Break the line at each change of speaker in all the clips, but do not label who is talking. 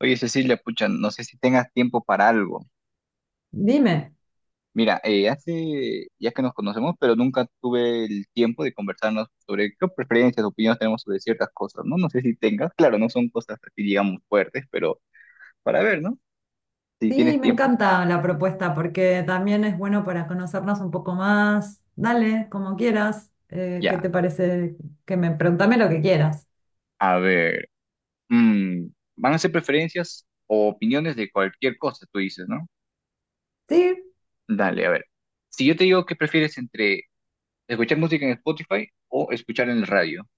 Oye, Cecilia, pucha, no sé si tengas tiempo para algo.
Dime,
Mira, hace ya que nos conocemos, pero nunca tuve el tiempo de conversarnos sobre qué preferencias, opiniones tenemos sobre ciertas cosas, ¿no? No sé si tengas, claro, no son cosas así, digamos, fuertes, pero para ver, ¿no? Si
sí,
tienes
me
tiempo,
encanta la propuesta porque también es bueno para conocernos un poco más. Dale, como quieras. ¿Qué
ya.
te parece? Que me preguntame lo que quieras.
A ver, mm, van a ser preferencias o opiniones de cualquier cosa, tú dices, ¿no?
Sí,
Dale, a ver. Si yo te digo que prefieres entre escuchar música en Spotify o escuchar en el radio.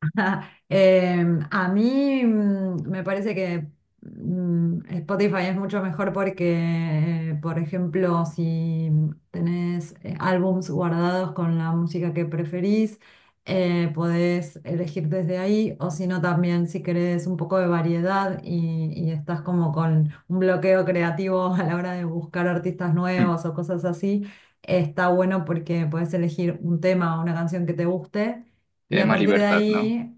A mí me parece que Spotify es mucho mejor porque, por ejemplo, si tenés álbums guardados con la música que preferís, podés elegir desde ahí, o si no, también si querés un poco de variedad y estás como con un bloqueo creativo a la hora de buscar artistas
Hmm,
nuevos o cosas así, está bueno porque podés elegir un tema o una canción que te guste. Y
tienes
a
más
partir de
libertad, ¿no?
ahí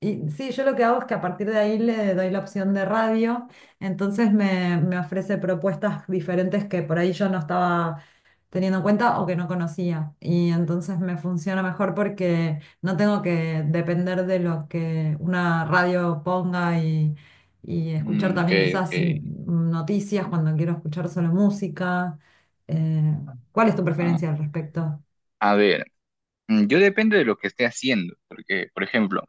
y sí, yo lo que hago es que a partir de ahí le doy la opción de radio, entonces me ofrece propuestas diferentes que por ahí yo no estaba teniendo en cuenta o que no conocía. Y entonces me funciona mejor porque no tengo que depender de lo que una radio ponga y escuchar
Mm, ok,
también quizás
ok.
noticias cuando quiero escuchar solo música. Eh, ¿Cuál es tu
Ah,
preferencia al respecto?
a ver, yo depende de lo que esté haciendo, porque, por ejemplo,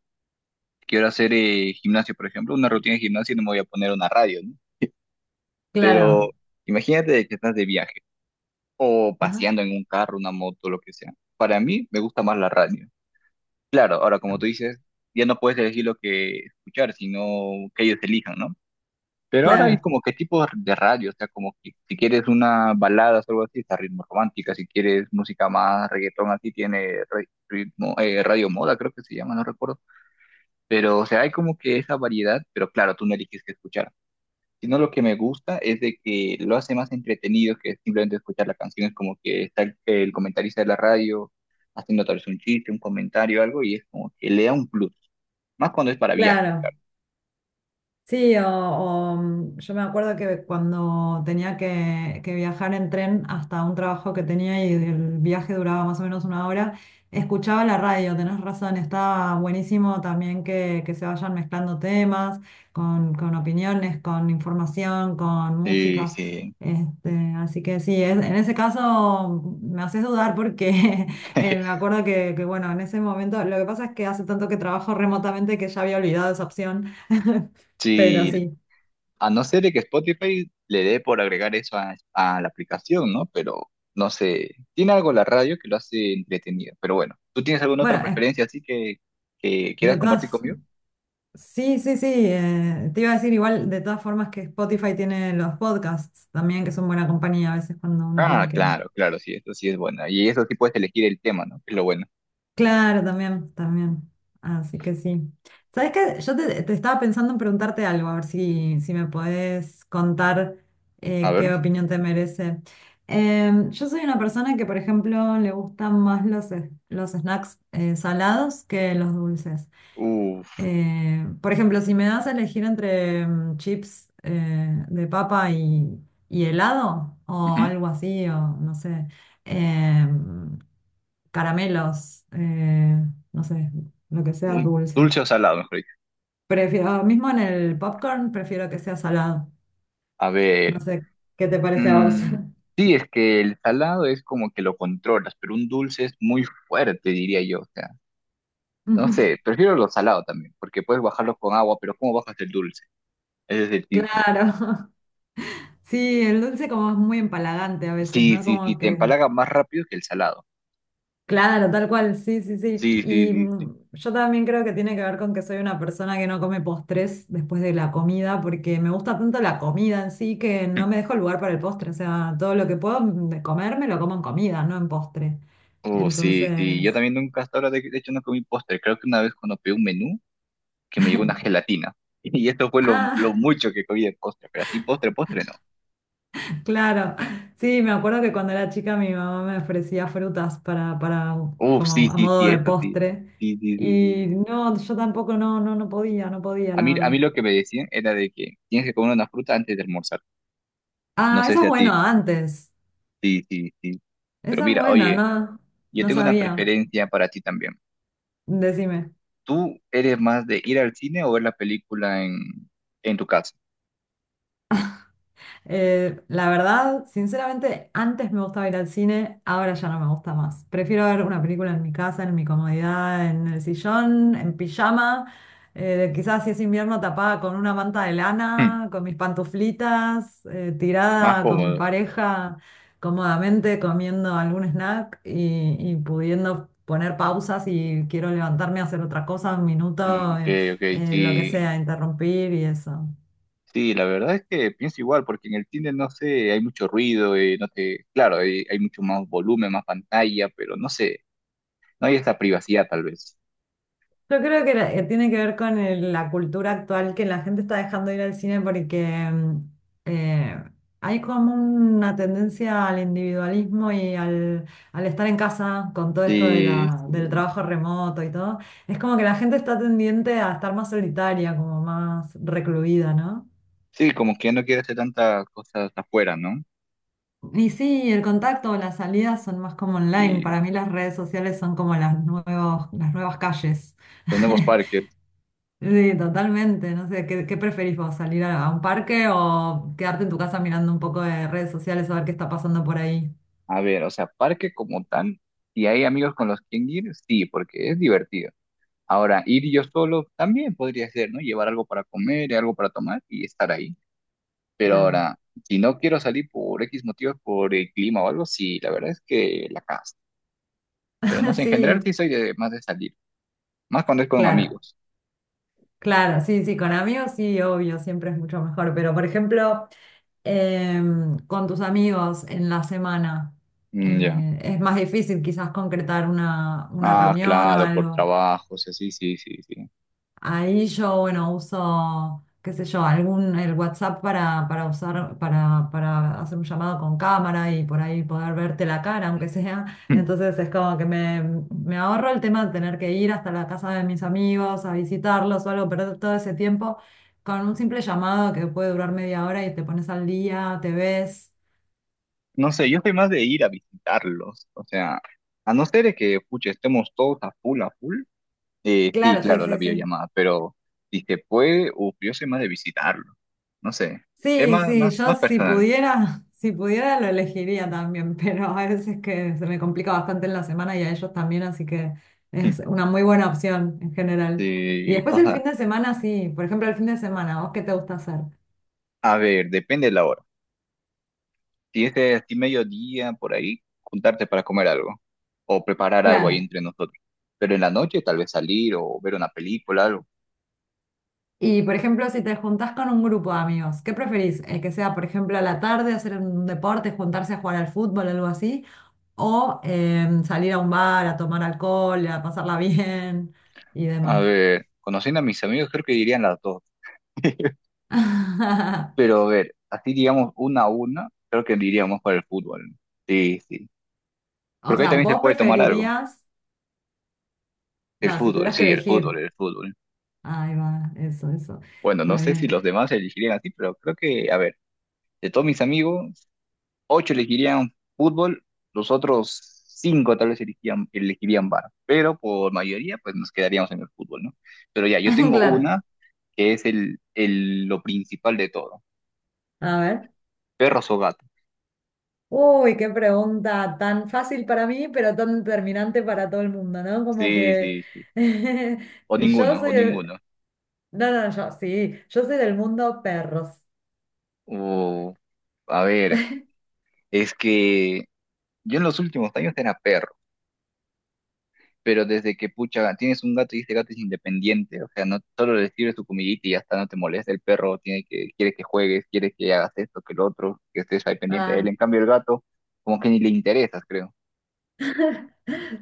quiero hacer gimnasio, por ejemplo, una rutina de gimnasio y no me voy a poner una radio, ¿no? Pero
Claro,
imagínate de que estás de viaje o
ajá,
paseando en un carro, una moto, lo que sea. Para mí me gusta más la radio. Claro, ahora como tú dices, ya no puedes elegir lo que escuchar, sino que ellos elijan, ¿no? Pero ahora hay
claro,
como que tipos de radio, o sea, como que si quieres una balada o algo así, está ritmo romántica, si quieres música más reggaetón así, tiene ritmo, radio moda, creo que se llama, no recuerdo. Pero, o sea, hay como que esa variedad, pero claro, tú no eliges qué escuchar. Sino lo que me gusta es de que lo hace más entretenido que simplemente escuchar la canción, es como que está el comentarista de la radio haciendo tal vez un chiste, un comentario, algo, y es como que le da un plus, más cuando es para viaje
claro.
claro.
Sí, yo me acuerdo que cuando tenía que viajar en tren hasta un trabajo que tenía y el viaje duraba más o menos una hora, escuchaba la radio, tenés razón, está buenísimo también que se vayan mezclando temas con opiniones, con información, con
Sí,
música.
sí.
Este, así que sí, en ese caso me haces dudar porque me acuerdo bueno, en ese momento, lo que pasa es que hace tanto que trabajo remotamente que ya había olvidado esa opción. Pero
Sí,
sí,
a no ser de que Spotify le dé por agregar eso a la aplicación, ¿no? Pero no sé, tiene algo la radio que lo hace entretenido. Pero bueno, ¿tú tienes alguna
bueno,
otra preferencia así que
de
quieras compartir
todas,
conmigo?
sí, sí, sí, te iba a decir igual, de todas formas que Spotify tiene los podcasts también, que son buena compañía a veces cuando uno tiene
Ah,
que...
claro, claro, sí, eso sí es bueno. Y eso sí puedes elegir el tema, ¿no? Que es lo bueno.
Claro, también, también. Así que sí. ¿Sabes qué? Te estaba pensando en preguntarte algo, a ver si me podés contar
A
qué
ver,
opinión te merece. Yo soy una persona que, por ejemplo, le gustan más los snacks salados que los dulces.
uff,
Por ejemplo, si me das a elegir entre chips de papa y helado o algo así, o no sé, eh, caramelos, no sé, lo que sea dulce.
dulce o salado, mejor dicho.
Prefiero, mismo en el popcorn, prefiero que sea salado.
A
No
ver,
sé, ¿qué te parece a vos?
mm, sí, es que el salado es como que lo controlas, pero un dulce es muy fuerte, diría yo. O sea, no sé, prefiero los salados también, porque puedes bajarlos con agua, pero ¿cómo bajas el dulce? Ese es el tip.
Claro. Sí, el dulce como es muy empalagante a veces,
Sí,
¿no?
sí, sí,
Como
te
que
empalaga más rápido que el salado.
claro, tal cual, sí, sí, sí.
Sí, sí,
Y
sí, sí.
yo también creo que tiene que ver con que soy una persona que no come postres después de la comida, porque me gusta tanto la comida en sí que no me dejo lugar para el postre. O sea, todo lo que puedo de comer me lo como en comida, no en postre.
Oh, sí, sí. Yo
Entonces,
también nunca hasta ahora, de hecho, no comí postre. Creo que una vez cuando pedí un menú, que me llegó una gelatina. Y esto fue lo
ah,
mucho que comí de postre, pero así postre, postre no.
claro. Sí, me acuerdo que cuando era chica mi mamá me ofrecía frutas
Uf, sí,
como a
sí,
modo
sí,
de
esto sí.
postre.
Sí, sí, sí, sí.
Y no, yo tampoco no podía, no podía, la
A
verdad.
mí lo que me decían era de que tienes que comer una fruta antes de almorzar. No
Ah,
sé
eso
si
es
a ti.
bueno antes.
Sí, sí, sí. Pero
Esa es
mira,
buena,
oye.
¿no?
Yo
No
tengo una
sabía.
preferencia para ti también.
Decime.
¿Tú eres más de ir al cine o ver la película en tu casa?
La verdad, sinceramente, antes me gustaba ir al cine, ahora ya no me gusta más. Prefiero ver una película en mi casa, en mi comodidad, en el sillón, en pijama, quizás si es invierno tapada con una manta de
Hmm,
lana, con mis pantuflitas,
más
tirada con mi
cómodo.
pareja, cómodamente comiendo algún snack y pudiendo poner pausas y quiero levantarme a hacer otra cosa, un
Mm,
minuto,
ok, ok,
lo que
sí.
sea, interrumpir y eso.
Sí, la verdad es que pienso igual, porque en el cine, no sé, hay mucho ruido, no te, claro, hay mucho más volumen, más pantalla, pero no sé, no hay esa privacidad tal vez.
Yo creo que tiene que ver con la cultura actual que la gente está dejando de ir al cine porque eh, hay como una tendencia al individualismo y al estar en casa con todo esto de
Sí,
del
sí.
trabajo remoto y todo. Es como que la gente está tendiente a estar más solitaria, como más recluida, ¿no?
Sí, como que no quiero hacer tantas cosas afuera, ¿no?
Y sí, el contacto o las salidas son más como online.
Sí,
Para mí las redes sociales son como las nuevas calles.
los nuevos parques.
Sí, totalmente. No sé, qué preferís vos? ¿Salir a un parque o quedarte en tu casa mirando un poco de redes sociales a ver qué está pasando por ahí?
A ver, o sea, parque como tal, si hay amigos con los que ir, sí, porque es divertido. Ahora, ir yo solo también podría ser, ¿no? Llevar algo para comer, y algo para tomar y estar ahí. Pero
Claro.
ahora, si no quiero salir por X motivos, por el clima o algo, sí, la verdad es que la casa. Pero no sé, en general sí
Sí,
soy de más de salir, más cuando es con
claro,
amigos.
claro. Sí, sí, con amigos sí, obvio, siempre es mucho mejor. Pero, por ejemplo, con tus amigos en la semana,
Mm, ya.
es más difícil quizás concretar una
Ah,
reunión o
claro, por
algo.
trabajos, sí, sí, sí, sí.
Ahí yo, bueno, uso, qué sé yo, algún, el WhatsApp para usar, para hacer un llamado con cámara y por ahí poder verte la cara, aunque sea.
Hmm.
Entonces es como que me ahorro el tema de tener que ir hasta la casa de mis amigos a visitarlos o algo, perder todo ese tiempo con un simple llamado que puede durar media hora y te pones al día, te ves.
No sé, yo soy más de ir a visitarlos. O sea, a no ser de que, pucha, estemos todos a full, a full. Sí,
Claro, sí,
claro, la
sí, sí.
videollamada, pero si se puede, uf, yo soy más de visitarlo. No sé, es
Sí,
más,
sí,
más,
yo
más
si
personal.
pudiera, si pudiera lo elegiría también, pero a veces que se me complica bastante en la semana y a ellos también, así que es una muy buena opción en general. Y
Sí,
después el
cosas.
fin de semana, sí, por ejemplo el fin de semana, ¿vos qué te gusta hacer?
A ver, depende de la hora. Si es de así mediodía, por ahí, juntarte para comer algo o preparar algo ahí
Claro.
entre nosotros. Pero en la noche, tal vez salir o ver una película, algo.
Y por ejemplo, si te juntás con un grupo de amigos, ¿qué preferís? Que sea, por ejemplo, a la tarde hacer un deporte, juntarse a jugar al fútbol, algo así, o salir a un bar a tomar alcohol, a pasarla bien y
A
demás.
ver, conociendo a mis amigos, creo que dirían las dos. Pero a ver, así digamos una a una, creo que diríamos para el fútbol, ¿no? Sí, sí.
O
Porque ahí
sea,
también se
vos
puede tomar algo.
preferirías,
El
no, si
fútbol,
tuvieras que
sí, el fútbol,
elegir.
el fútbol.
Ahí va, eso, eso.
Bueno, no
Está
sé si
bien.
los demás elegirían así, pero creo que, a ver, de todos mis amigos, 8 elegirían fútbol, los otros 5 tal vez elegirían bar, pero por mayoría pues nos quedaríamos en el fútbol, ¿no? Pero ya, yo tengo
Claro.
una que es lo principal de todo,
A ver.
perros o gatos.
Uy, qué pregunta tan fácil para mí, pero tan determinante para todo el mundo, ¿no? Como
Sí,
que
sí, sí. O
yo
ninguno,
soy
o
del...
ninguno.
No, no, yo sí, yo soy del mundo perros.
O, a ver, es que yo en los últimos años era perro, pero desde que, pucha, tienes un gato y este gato es independiente, o sea, no solo le sirves tu comidita y ya está, no te molesta, el perro tiene que, quiere que juegues, quiere que hagas esto, que lo otro, que estés ahí pendiente de él,
Ah,
en cambio el gato, como que ni le interesas, creo.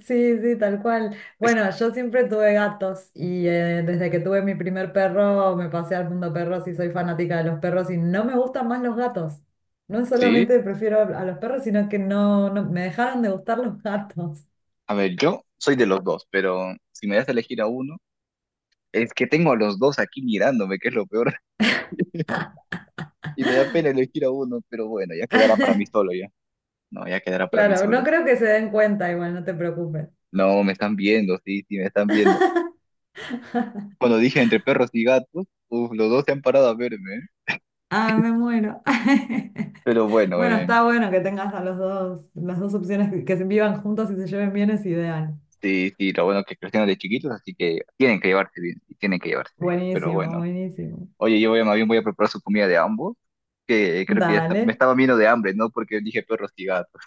sí, sí, tal cual.
Es-
Bueno, yo siempre tuve gatos y desde que tuve mi primer perro me pasé al mundo perros y soy fanática de los perros y no me gustan más los gatos. No
sí,
solamente prefiero a los perros, sino que no me dejaron de gustar los gatos.
a ver, yo soy de los dos, pero si me das a elegir a uno, es que tengo a los dos aquí mirándome, que es lo peor, y me da pena elegir a uno, pero bueno, ya quedará para mí solo, ya. No, ya quedará para mí
Claro,
solo.
no
Es
creo que se den cuenta, igual, no te preocupes.
no, me están viendo, sí, sí, me están viendo. Cuando dije entre perros y gatos, uf, los dos se han parado a verme, ¿eh?
Ah, me muero.
Pero bueno,
Bueno, está bueno que tengas a los dos, las dos opciones que vivan juntos y se lleven bien es ideal.
sí, sí, lo bueno que crecieron de chiquitos, así que tienen que llevarse bien, sí, tienen que llevarse bien. Pero
Buenísimo,
bueno,
buenísimo.
oye, yo voy más bien voy a preparar su comida de ambos, que creo que me
Dale.
estaba viendo de hambre, ¿no? Porque dije perros y gatos.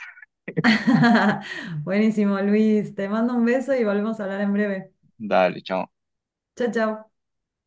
Buenísimo, Luis. Te mando un beso y volvemos a hablar en breve.
Dale, chao.
Chao, chao.